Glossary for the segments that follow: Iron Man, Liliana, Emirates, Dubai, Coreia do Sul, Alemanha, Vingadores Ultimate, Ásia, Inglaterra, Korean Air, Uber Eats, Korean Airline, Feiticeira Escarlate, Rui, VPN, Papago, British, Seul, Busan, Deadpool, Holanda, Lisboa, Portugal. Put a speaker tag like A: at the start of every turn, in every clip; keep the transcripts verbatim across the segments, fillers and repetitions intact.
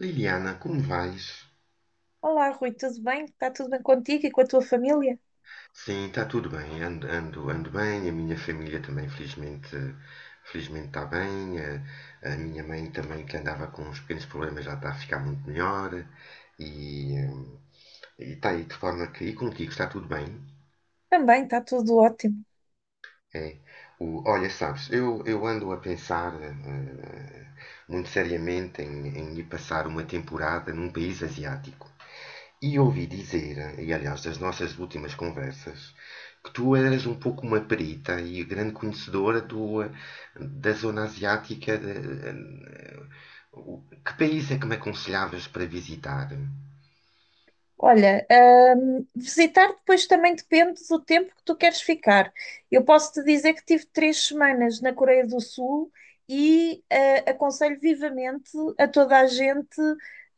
A: Liliana, como vais?
B: Olá, Rui, tudo bem? Está tudo bem contigo e com a tua família?
A: Sim, está tudo bem. Ando, ando, ando bem. A minha família também, felizmente, felizmente está bem. A, a minha mãe também, que andava com uns pequenos problemas, já está a ficar muito melhor. E hum, e está aí de forma que. E contigo, está tudo bem?
B: Também está tudo ótimo.
A: É. O, olha, sabes, eu, eu ando a pensar eh, eh, muito seriamente em, em ir passar uma temporada num país asiático. E ouvi dizer, e aliás das nossas últimas conversas, que tu eras um pouco uma perita e grande conhecedora do, eh, da zona asiática. de- eh, o- que país é que me aconselhavas para visitar?
B: Olha, hum, visitar depois também depende do tempo que tu queres ficar. Eu posso te dizer que tive três semanas na Coreia do Sul e eh, aconselho vivamente a toda a gente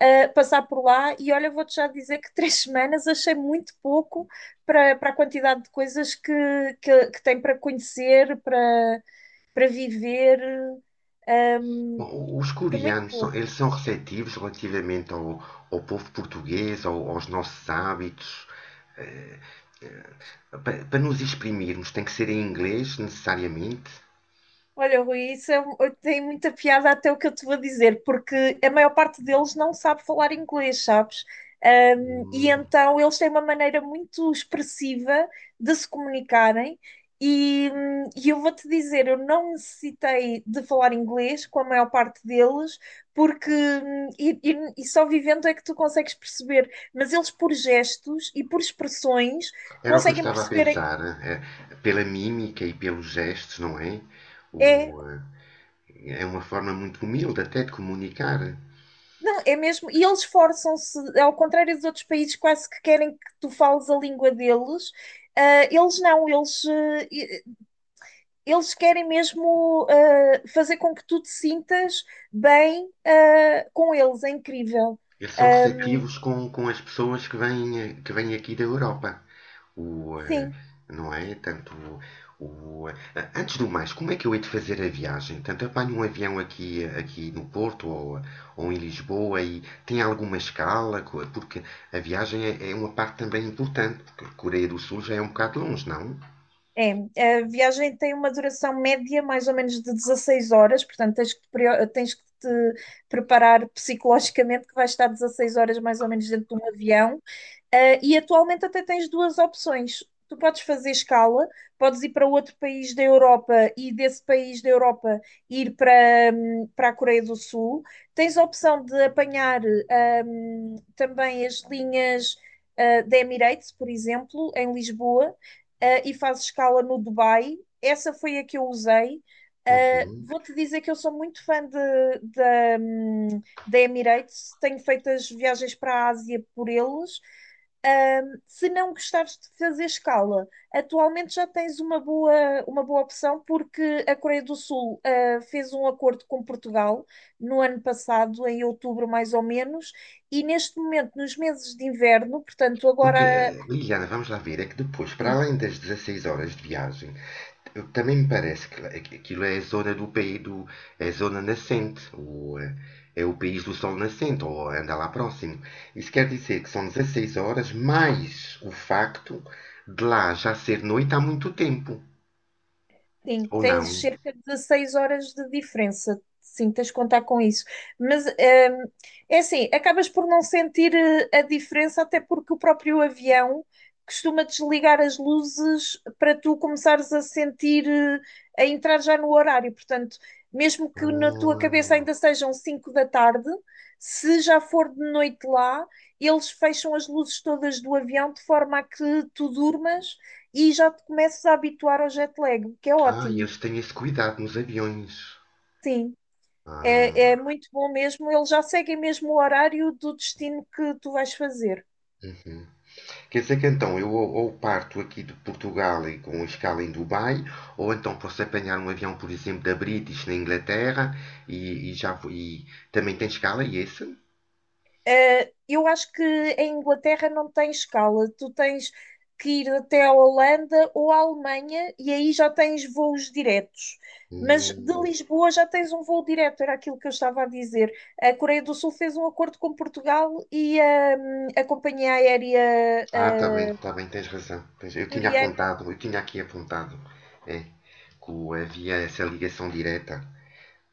B: eh, passar por lá. E olha, vou-te já dizer que três semanas achei muito pouco para, para a quantidade de coisas que, que, que tem para conhecer, para, para viver. hum,
A: Bom, os
B: Foi muito
A: coreanos, são,
B: pouco.
A: eles são receptivos relativamente ao, ao povo português, ao- aos nossos hábitos. Pa- Para nos exprimirmos, tem que ser em inglês, necessariamente?
B: Olha, Rui, isso é, um- tem muita piada até o que eu te vou dizer, porque a maior parte deles não sabe falar inglês, sabes? Um, e
A: Hum.
B: então eles têm uma maneira muito expressiva de se comunicarem. E, hum, e eu vou-te dizer, eu não necessitei de falar inglês com a maior parte deles, porque hum, e, e- e só vivendo é que tu consegues perceber, mas eles por gestos e por expressões
A: Era o que eu
B: conseguem
A: estava a
B: perceber.
A: pensar, eh, pela mímica e pelos gestos, não é? O,
B: É.
A: eh, é uma forma muito humilde até de comunicar.
B: Não, é mesmo. E eles esforçam-se, ao contrário dos outros países, quase que querem que tu fales a língua deles. Ah, eles não, eles, eh, e- eles querem mesmo ah, fazer com que tu te sintas bem ah, com eles. É incrível.
A: Eles são
B: Ah,
A: receptivos com, com as pessoas que vêm, eh, que vêm aqui da Europa. O, eh,
B: sim,
A: não é? Tanto o, eh, antes do mais, como é que eu hei de fazer a viagem? Tanto apanho um avião aqui, aqui no Porto ou, ou em Lisboa e tem alguma escala? Porque a viagem é, é uma parte também importante, porque a Coreia do Sul já é um bocado longe, não?
B: é. A viagem tem uma duração média mais ou menos de dezasseis horas, portanto tens que te, preo- tens que te preparar psicologicamente que vais estar dezasseis horas mais ou menos dentro de um avião. Ah, e atualmente até tens duas opções. Tu podes fazer escala, podes ir para outro país da Europa e desse país da Europa ir para, hum, para a Coreia do Sul. Tens a opção de apanhar hum, também as linhas ah, da Emirates, por exemplo, em Lisboa, ah, e fazes escala no Dubai. Essa foi a que eu usei. Ah,
A: Uhum.
B: vou-te dizer que eu sou muito fã de, da, hum, da Emirates, tenho feito as viagens para a Ásia por eles. Ahm, Se não gostares de fazer escala, atualmente já tens uma boa, uma boa opção, porque a Coreia do Sul ah, fez um acordo com Portugal no ano passado, em outubro mais ou menos, e neste momento, nos meses de inverno, portanto,
A: Porque,
B: agora.
A: eh, Liliana, vamos lá ver, é que depois, para além das dezasseis horas de viagem, eu- também me parece que lá- aqu- aquilo é a zona do país do, é a zona nascente, ou eh, é o país do sol nascente, ou anda lá próximo. Isso quer dizer que são dezasseis horas mais o facto de lá já ser noite há muito tempo,
B: Sim,
A: ou
B: tens
A: não?
B: cerca de dezasseis horas de diferença. Sim, tens de contar com isso. Mas hum, é assim, acabas por não sentir eh, a diferença, até porque o próprio avião costuma desligar as luzes para tu começares a sentir, eh, a entrar já no horário. Portanto, mesmo que na tua cabeça ainda
A: Ah,
B: sejam cinco da tarde, se já for de noite lá, eles fecham as luzes todas do avião de forma a que tu durmas e já te começas a habituar ao jet lag, o que é
A: ah,
B: ótimo.
A: eles têm esse cuidado nos aviões.
B: Sim,
A: Ah.
B: é, é muito bom mesmo. Eles já seguem mesmo o horário do destino que tu vais fazer.
A: Uhum. Quer dizer que então eu ou parto aqui de Portugal e com escala em Dubai, ou então posso apanhar um avião, por exemplo, da British na Inglaterra e, e já vou- e também tem escala e esse?
B: Eh, eu acho que em Inglaterra não tem escala. Tu tens que ir até a Holanda ou à Alemanha e aí já tens voos diretos. Mas de
A: Hum.
B: Lisboa já tens um voo direto, era aquilo que eu estava a dizer. A Coreia do Sul fez um acordo com Portugal e hum, a companhia aérea
A: Ah, tá bem, tá bem, tens razão. Tens- Eu tinha
B: coreana,
A: apontado, eu tinha aqui apontado, é, que o- havia essa ligação direta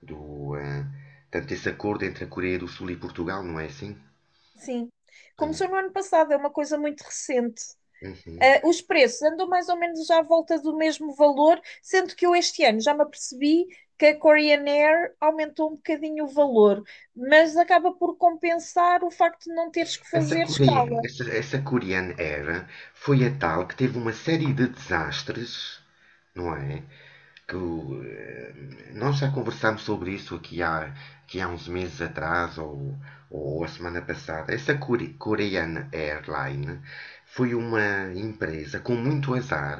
A: do, eh, tanto esse acordo entre a Coreia do Sul e Portugal, não é assim?
B: sim.
A: Hum.
B: Começou no ano passado, é uma coisa muito recente.
A: Uhum.
B: Ah, os preços andam mais ou menos já à volta do mesmo valor, sendo que eu este ano já me apercebi que a Korean Air aumentou um bocadinho o valor, mas acaba por compensar o facto de não teres que
A: Essa
B: fazer escala.
A: coreana, essa, essa coreana era, foi a tal que teve uma série de desastres, não é? Que o, eh, nós já conversámos sobre isso aqui há, aqui há uns meses atrás ou, ou a semana passada. Essa core- coreana Airline foi uma empresa com muito azar.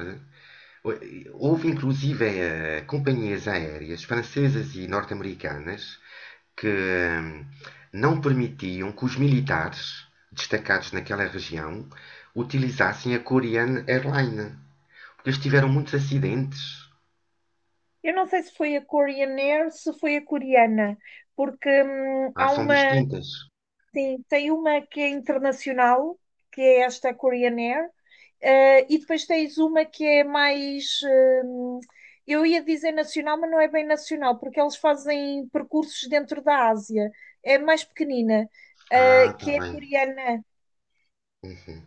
A: Houve inclusive eh, companhias aéreas francesas e norte-americanas que hum, não permitiam que os militares destacados naquela região utilizassem a Korean Airline. Porque eles tiveram muitos acidentes.
B: Eu não sei se foi a Korean Air, se foi a coreana, porque hum,
A: Ah,
B: há
A: são
B: uma.
A: distintas.
B: Sim, tem uma que é internacional, que é esta Korean Air, eh, e depois tens uma que é mais, hum, eu ia dizer nacional, mas não é bem nacional, porque eles fazem percursos dentro da Ásia, é mais pequenina, eh,
A: Ah,
B: que
A: tá
B: é
A: bem.
B: coreana.
A: Uhum.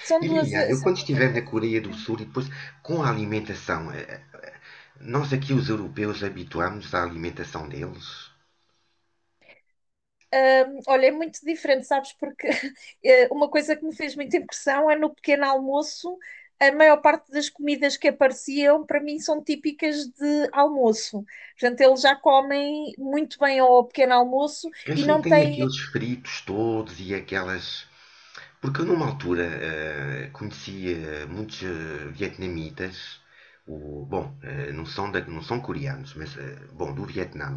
B: São
A: E
B: duas,
A: Liliana, eu
B: são
A: quando
B: duas
A: estiver na
B: empresas
A: Coreia do Sul
B: diferentes.
A: e depois com a alimentação, eh, nós aqui os europeus habituámos à alimentação deles?
B: Hum, olha, é muito diferente, sabes? Porque eh, uma coisa que me fez muita impressão é no pequeno almoço, a maior parte das comidas que apareciam para mim são típicas de almoço. Portanto, eles já comem muito bem ao pequeno almoço e
A: Eles não
B: não
A: tem
B: têm.
A: aqueles fritos todos e aquelas. Porque eu, numa altura, eh, conhecia muitos eh, vietnamitas. O, bom, eh, não são, da- não são coreanos, mas eh, bom, do Vietnã.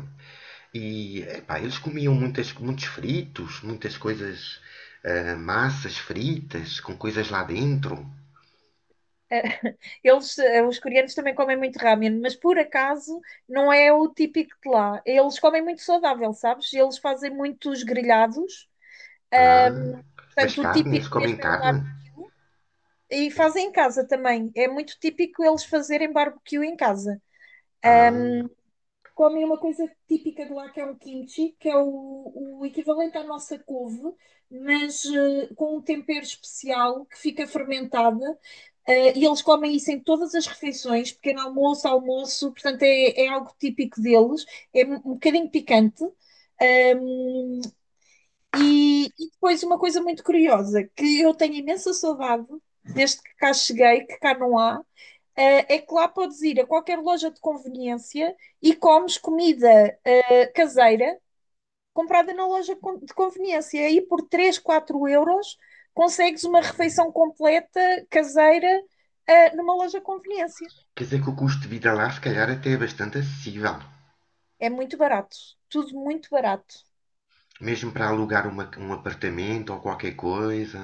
A: E epá, eles comiam muitas, muitos fritos, muitas coisas, eh, massas fritas com coisas lá dentro.
B: eh, Eles, eh, os coreanos também comem muito ramen, mas por acaso não é o típico de lá. Eles comem muito saudável, sabes? Eles fazem muitos grelhados.
A: Ah, mas
B: Portanto, o
A: carne, eles
B: típico
A: comem
B: mesmo é o.
A: carne?
B: E fazem em casa também. É muito típico eles fazerem barbecue em casa.
A: Ah,
B: Comem uma coisa típica de lá que é o kimchi, que é o, o equivalente à nossa couve, mas eh, com um tempero especial que fica fermentada. Eh, e eles comem isso em todas as refeições, pequeno almoço, almoço, portanto é, é algo típico deles, é um um bocadinho picante. Um, e, e depois uma coisa muito curiosa, que eu tenho imensa saudade desde que cá cheguei, que cá não há, eh, é que lá podes ir a qualquer loja de conveniência e comes comida eh, caseira comprada na loja de conveniência. Aí por três, quatro euros consegues uma refeição completa caseira eh, numa loja de conveniência.
A: quer dizer que o custo de vida lá se calhar até é bastante acessível.
B: É muito barato, tudo muito barato.
A: Mesmo para alugar uma- um apartamento ou qualquer coisa.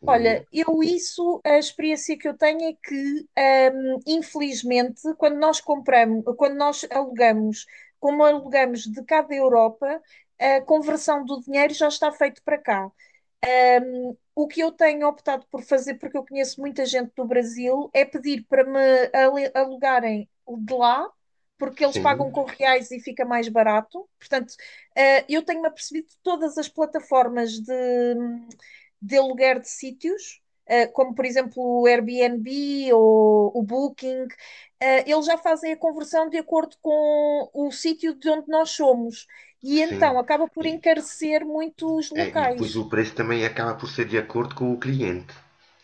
A: O-
B: Olha, eu isso, a experiência que eu tenho é que, hum, infelizmente, quando nós compramos, quando nós alugamos, como alugamos de cá da Europa, a conversão do dinheiro já está feito para cá. Um, o que eu tenho optado por fazer, porque eu conheço muita gente do Brasil, é pedir para me ale- alugarem de lá, porque eles pagam
A: sim,
B: com reais e fica mais barato. Portanto, eh, eu tenho-me apercebido de todas as plataformas de, de aluguer de sítios, eh, como por exemplo o Airbnb ou o Booking, eh, eles já fazem a conversão de acordo com o sítio de onde nós somos. E
A: sim.
B: então acaba por
A: E,
B: encarecer muito os
A: é, e depois
B: locais.
A: o preço também acaba por ser de acordo com o cliente,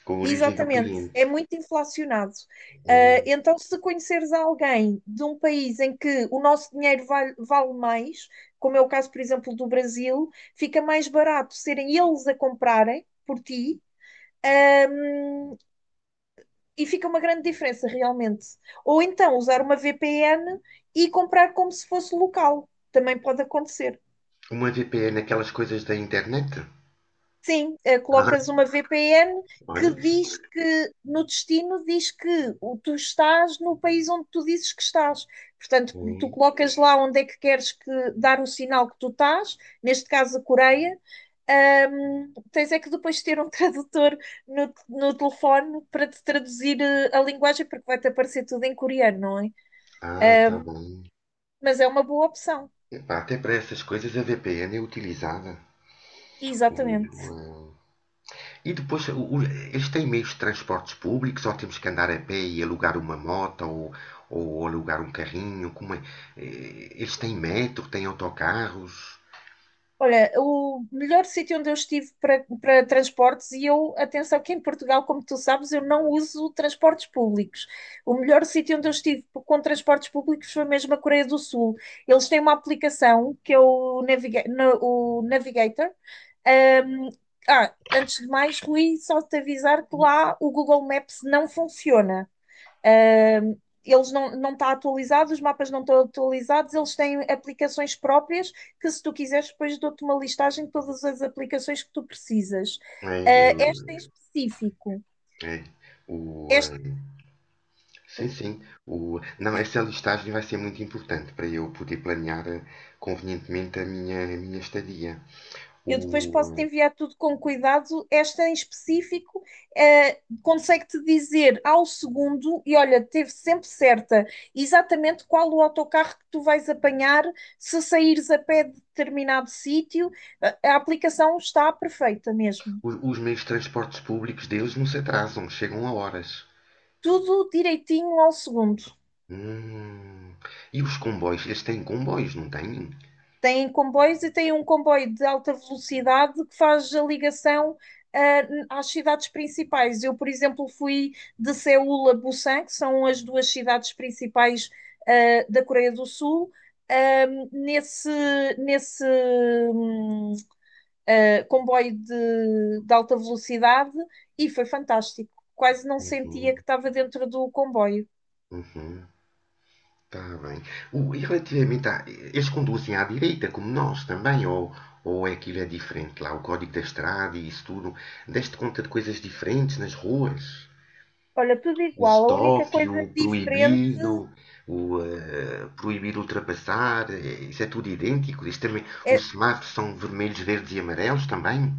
A: com a origem do
B: Exatamente,
A: cliente.
B: é muito inflacionado. Ah,
A: Hum.
B: então, se conheceres alguém de um país em que o nosso dinheiro vale, vale mais, como é o caso, por exemplo, do Brasil, fica mais barato serem eles a comprarem por ti, ahm, e fica uma grande diferença realmente. Ou então usar uma V P N e comprar como se fosse local, também pode acontecer.
A: Uma V P N, aquelas coisas da internet?
B: Sim, eh, colocas uma V P N
A: Ah,
B: que
A: olha. Isso-
B: diz que no destino diz que o- tu estás no país onde tu dizes que estás. Portanto, tu
A: hum.
B: colocas lá onde é que queres que- dar o sinal que tu estás, neste caso a Coreia. Ahm, tens é que depois ter um tradutor no, no telefone para te traduzir eh, a linguagem, porque vai-te aparecer tudo em coreano, não é?
A: Ah, tá bom.
B: Mas é uma boa opção.
A: Epá, até para essas coisas a V P N é utilizada.
B: Exatamente.
A: O, eh, E depois, o- o- eles têm meios de transportes públicos ou temos que andar a pé e alugar uma moto ou, ou alugar um carrinho? Como é? Eh, eles têm metro, têm autocarros?
B: Olha, o melhor sítio onde eu estive para, para transportes, e eu, atenção, que em Portugal, como tu sabes, eu não uso transportes públicos. O melhor sítio onde eu estive com transportes públicos foi mesmo a Coreia do Sul. Eles têm uma aplicação que é o, Naviga- na- o Navigator. Ahm, ah, Antes de mais, Rui, só te avisar que lá o Google Maps não funciona. Uh, eles não, não está atualizados. Os mapas não estão atualizados, eles têm aplicações próprias que, se tu quiseres, depois dou-te uma listagem de todas as aplicações que tu precisas. Uh,
A: É,
B: esta em
A: eu-
B: específico,
A: é, o, ah,
B: este,
A: sim,
B: ui,
A: sim. O, não, essa listagem vai ser muito importante para eu poder planear ah, convenientemente a minha, a minha estadia.
B: eu depois posso te
A: O, ah,
B: enviar tudo com cuidado. Esta em específico, eh, consegue-te dizer ao segundo, e olha, teve sempre certa, exatamente qual o autocarro que tu vais apanhar se saíres a pé de determinado sítio. A, a aplicação está perfeita mesmo.
A: o- os meios de transportes públicos deles não se atrasam, chegam a horas.
B: Tudo direitinho ao segundo.
A: Hum. E os comboios? Eles têm comboios, não têm?
B: Tem comboios e tem um comboio de alta velocidade que faz a ligação uh, às cidades principais. Eu, por exemplo, fui de Seul a Busan, que são as duas cidades principais uh, da Coreia do Sul. Um, nesse nesse um, uh, comboio de, de alta velocidade e foi fantástico. Quase não sentia que
A: Uhum,
B: estava dentro do comboio.
A: uhum, tá bem. O- e relativamente a. Eles conduzem à direita, como nós também, ou, ou é aquilo é diferente lá, o código da estrada e isso tudo. Deste conta de coisas diferentes nas ruas?
B: Olha, tudo
A: O
B: igual. A única
A: stop,
B: coisa
A: o
B: diferente
A: proibido, o eh, proibido ultrapassar, eh, isso é tudo idêntico. Isto também,
B: é.
A: os semáforos são vermelhos, verdes e amarelos também?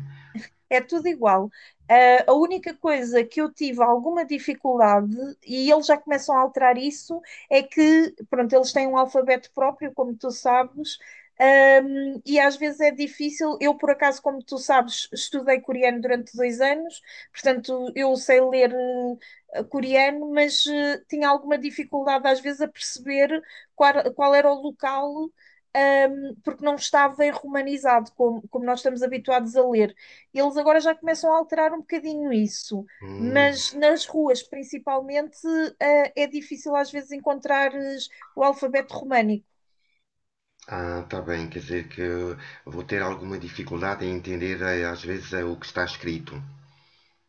B: É tudo igual. Ah, a única coisa que eu tive alguma dificuldade, e eles já começam a alterar isso, é que, pronto, eles têm um alfabeto próprio, como tu sabes. Ahm, e às vezes é difícil. Eu, por acaso, como tu sabes, estudei coreano durante dois anos, portanto, eu sei ler. eh, Coreano, mas eh, tinha alguma dificuldade às vezes a perceber qual, qual era o local, ahm, porque não estava em romanizado, como, como nós estamos habituados a ler. Eles agora já começam a alterar um bocadinho isso,
A: Hum,
B: mas nas ruas, principalmente, eh, é difícil às vezes encontrares o alfabeto românico.
A: ah, tá bem, quer dizer que eu vou ter alguma dificuldade em entender eh, às vezes eh, o que está escrito.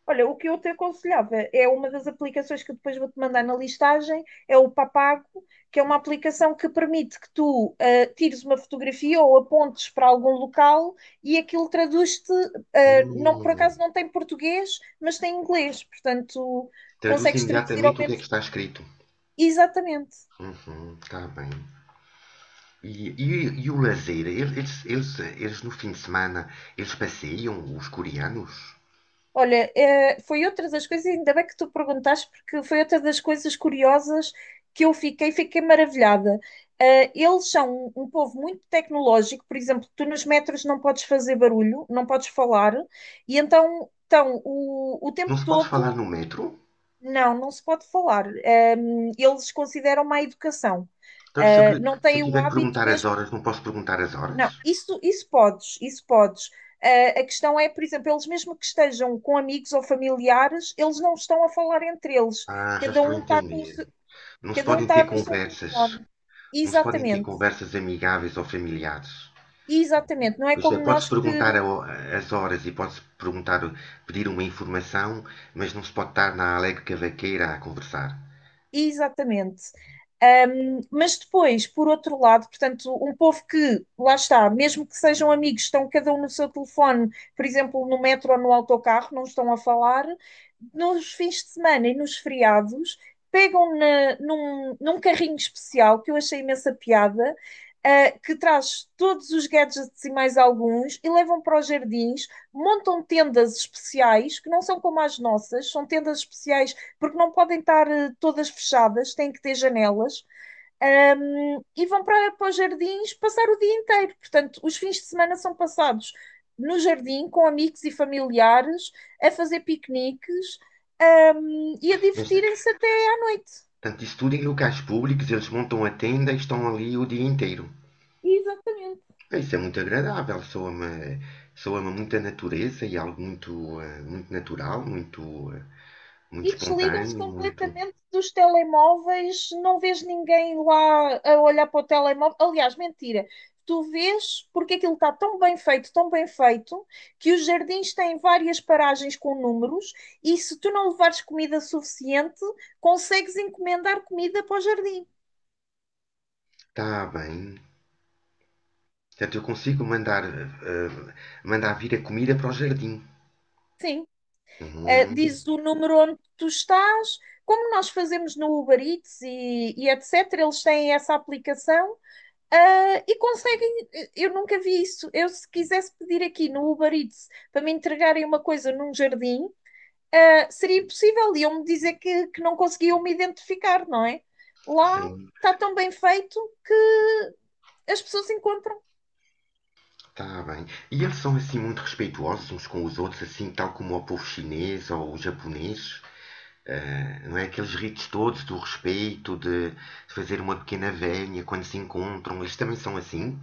B: Olha, o que eu te aconselhava é uma das aplicações que eu depois vou-te mandar na listagem, é o Papago, que é uma aplicação que permite que tu eh, tires uma fotografia ou apontes para algum local e aquilo traduz-te. Eh, não, por
A: Hum,
B: acaso não tem português, mas tem inglês, portanto
A: traduz
B: consegues traduzir ao
A: imediatamente o que é que
B: menos.
A: está escrito.
B: Exatamente.
A: Uhum, está bem. E, e, e o lazer? Eles, eles, eles, eles no fim de semana, eles passeiam, os coreanos?
B: Olha, eh, foi outra das coisas, ainda bem que tu perguntaste, porque foi outra das coisas curiosas que eu fiquei, fiquei maravilhada. Eh, eles são um, um povo muito tecnológico. Por exemplo, tu nos metros não podes fazer barulho, não podes falar, e então então o, o
A: Não
B: tempo
A: se pode falar
B: todo,
A: no metro?
B: não, não se pode falar. Eh, eles consideram má educação.
A: Então, se eu,
B: Eh, não
A: se eu
B: têm o
A: tiver que
B: hábito
A: perguntar as
B: mesmo.
A: horas, não posso perguntar as horas?
B: Não, isso, isso podes, isso podes. Ah, a questão é, por exemplo, eles mesmo que estejam com amigos ou familiares, eles não estão a falar entre eles.
A: Ah, já
B: Cada
A: estou a
B: um está com o
A: entender.
B: se-
A: Não se
B: Cada um
A: podem
B: está
A: ter
B: no seu
A: conversas.
B: telefone.
A: Não se podem ter
B: Exatamente,
A: conversas amigáveis ou familiares.
B: exatamente. Não é
A: Pois é,
B: como
A: pode-se
B: nós
A: perguntar
B: que...
A: ao- as horas e pode-se perguntar, pedir uma informação, mas não se pode estar na alegre cavaqueira a conversar.
B: Exatamente. Um, mas depois, por outro lado, portanto, um povo que, lá está, mesmo que sejam amigos, estão cada um no seu telefone, por exemplo, no metro ou no autocarro, não estão a falar. Nos fins de semana e nos feriados, pegam na- num, num carrinho especial, que eu achei imensa piada, uh, que traz todos os gadgets e mais alguns, e levam para os jardins, montam tendas especiais, que não são como as nossas, são tendas especiais porque não podem estar eh, todas fechadas, têm que ter janelas, um, e vão para, para os jardins passar o dia inteiro. Portanto, os fins de semana são passados no jardim com amigos e familiares, a fazer piqueniques, um, e a
A: Mas,
B: divertirem-se até à noite.
A: tanto isso tudo em locais públicos, eles montam a tenda e estão ali o dia inteiro.
B: Exatamente.
A: É, isso é muito agradável, soa-me soa muita natureza e algo muito, eh, muito natural, muito, eh, muito
B: E desligam-se
A: espontâneo, muito...
B: completamente dos telemóveis, não vês ninguém lá a olhar para o telemóvel. Aliás, mentira. Tu vês porque aquilo está tão bem feito, tão bem feito, que os jardins têm várias paragens com números, e se tu não levares comida suficiente, consegues encomendar comida para o jardim.
A: Está bem. Portanto, eu consigo mandar, eh, eh, mandar vir a comida para o jardim.
B: Sim. Uh,
A: Hum,
B: dizes o número onde tu estás, como nós fazemos no Uber Eats e, e etcétera, eles têm essa aplicação. Ah, e conseguem, eu nunca vi isso. Eu, se quisesse pedir aqui no Uber Eats para me entregarem uma coisa num jardim, ah, seria impossível. Iam-me dizer que, que não conseguiam me identificar, não é? Lá
A: sim.
B: está tão bem feito que as pessoas encontram.
A: Tá bem. E eles são assim muito respeitosos uns com os outros, assim tal como o povo chinês ou o japonês? Eh, não é? Aqueles ritos todos do respeito, de, de fazer uma pequena velha quando se encontram, eles também são assim?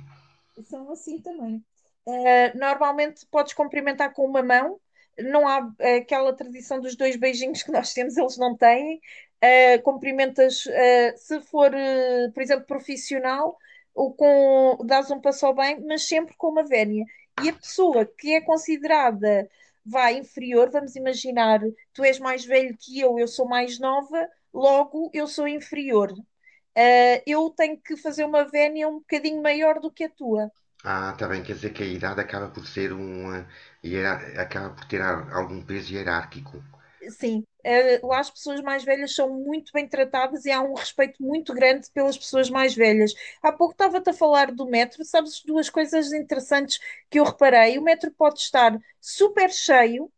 B: São assim também. Uh, normalmente podes cumprimentar com uma mão, não há uh, aquela tradição dos dois beijinhos que nós temos, eles não têm. Uh, cumprimentas, uh, se for, uh, por exemplo, profissional, ou com, dás um passo ao bem, mas sempre com uma vénia. E a pessoa que é considerada vai inferior, vamos imaginar, tu és mais velho que eu, eu sou mais nova, logo eu sou inferior. Uh, eu tenho que fazer uma vénia um bocadinho maior do que a tua.
A: Ah, tá bem, quer dizer que a idade acaba por ser um. Eh, hiera- acaba por ter a- algum peso hierárquico.
B: Sim, eh, lá as pessoas mais velhas são muito bem tratadas e há um respeito muito grande pelas pessoas mais velhas. Há pouco estava-te a falar do metro, sabes duas coisas interessantes que eu reparei. O metro pode estar super cheio,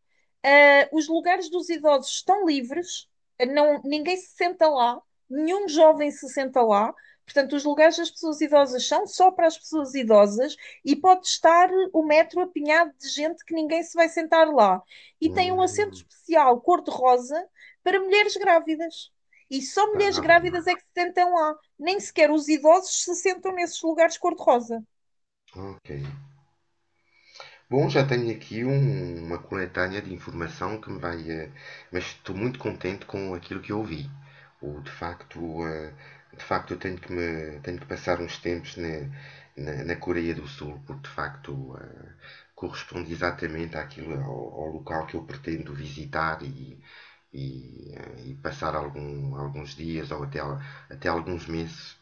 B: eh, os lugares dos idosos estão livres, eh, não, ninguém se senta lá, nenhum jovem se senta lá. Portanto, os lugares das pessoas idosas são só para as pessoas idosas e pode estar o metro apinhado de gente que ninguém se vai sentar lá, e tem um assento
A: Hum,
B: especial cor-de-rosa para mulheres grávidas. E só mulheres
A: tá bem.
B: grávidas é que se sentam lá. Nem sequer os idosos se sentam nesses lugares cor-de-rosa.
A: Ok. Bom, já tenho aqui um- uma coletânea de informação que me vai. Eh, mas estou muito contente com aquilo que eu ouvi. O, de facto, eh, de facto eu tenho que, me, tenho que passar uns tempos na, na, na Coreia do Sul, porque de facto eh, corresponde exatamente àquilo, ao, ao local que eu pretendo visitar e, e, eh, e passar algum- alguns dias ou até, al- até alguns meses.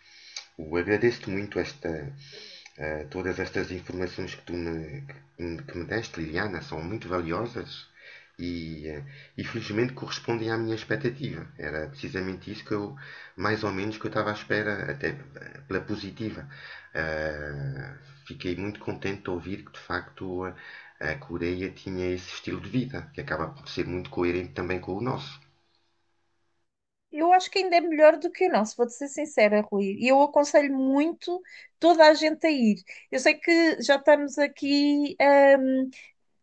A: Eu agradeço-te muito esta, eh, todas estas informações que tu me, que me- que me deste, Liliana, são muito valiosas e, eh, e felizmente correspondem à minha expectativa. Era precisamente isso que eu, mais ou menos, que eu estava à espera, até eh, pela positiva. Eh, fiquei muito contente de ouvir que, de facto, a, a Coreia tinha esse estilo de vida, que acaba por ser muito coerente também com o nosso.
B: Eu acho que ainda é melhor do que o nosso, vou-te ser sincera, Rui. E eu aconselho muito toda a gente a ir. Eu sei que já estamos aqui, hum,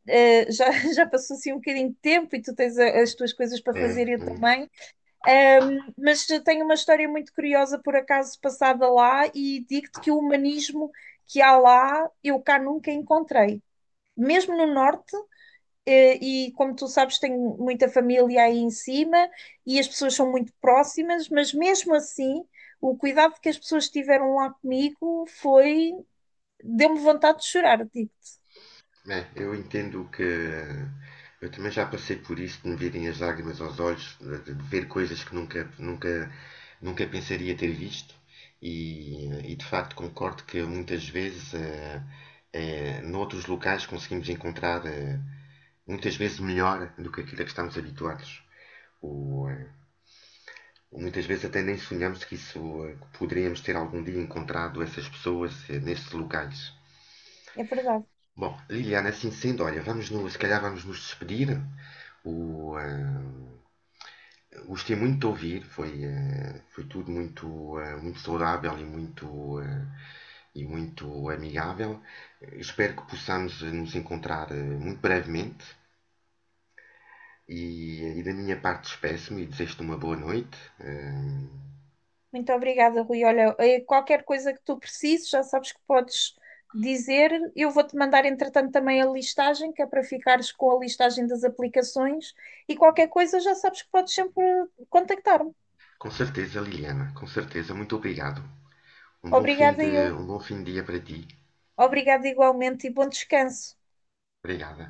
B: eh, já, já passou assim um bocadinho de tempo e tu tens a- as tuas coisas para
A: É,
B: fazer, eu
A: é.
B: também. Um, Mas tenho uma história muito curiosa, por acaso, passada lá, e digo-te que o humanismo que há lá, eu cá nunca encontrei. Mesmo no Norte, eh, e como tu sabes, tenho muita família aí em cima, e as pessoas são muito próximas, mas mesmo assim, o cuidado que as pessoas tiveram lá comigo foi... Deu-me vontade de chorar, digo-te.
A: É, eu entendo que eu também já passei por isso de me virem as lágrimas aos olhos, de de ver coisas que nunca, nunca, nunca pensaria ter visto. E, e, de facto concordo que muitas vezes eh, eh, noutros locais conseguimos encontrar eh, muitas vezes melhor do que aquilo a que estamos habituados. Ou, eh, muitas vezes até nem sonhamos que isso eh, que poderíamos ter algum dia encontrado essas pessoas eh, nesses locais.
B: É verdade.
A: Bom, Liliana, é assim sendo, olha, vamos no, se calhar vamos nos despedir. O, ah, gostei muito de ouvir, foi, ah, foi tudo muito, ah, muito saudável e muito, ah, e muito amigável. Espero que possamos nos encontrar ah, muito brevemente. E, e da minha parte despeço-me e desejo-te uma boa noite. Ah,
B: Muito obrigada, Rui. Olha, eh, qualquer coisa que tu precises, já sabes que podes dizer. Eu vou-te mandar, entretanto, também a listagem, que é para ficares com a listagem das aplicações. E qualquer coisa, já sabes que podes sempre contactar-me.
A: com certeza, Liliana, com certeza. Muito obrigado. Um bom fim
B: Obrigada, eu.
A: de, um bom fim de dia para ti.
B: Obrigada igualmente e bom descanso.
A: Obrigada.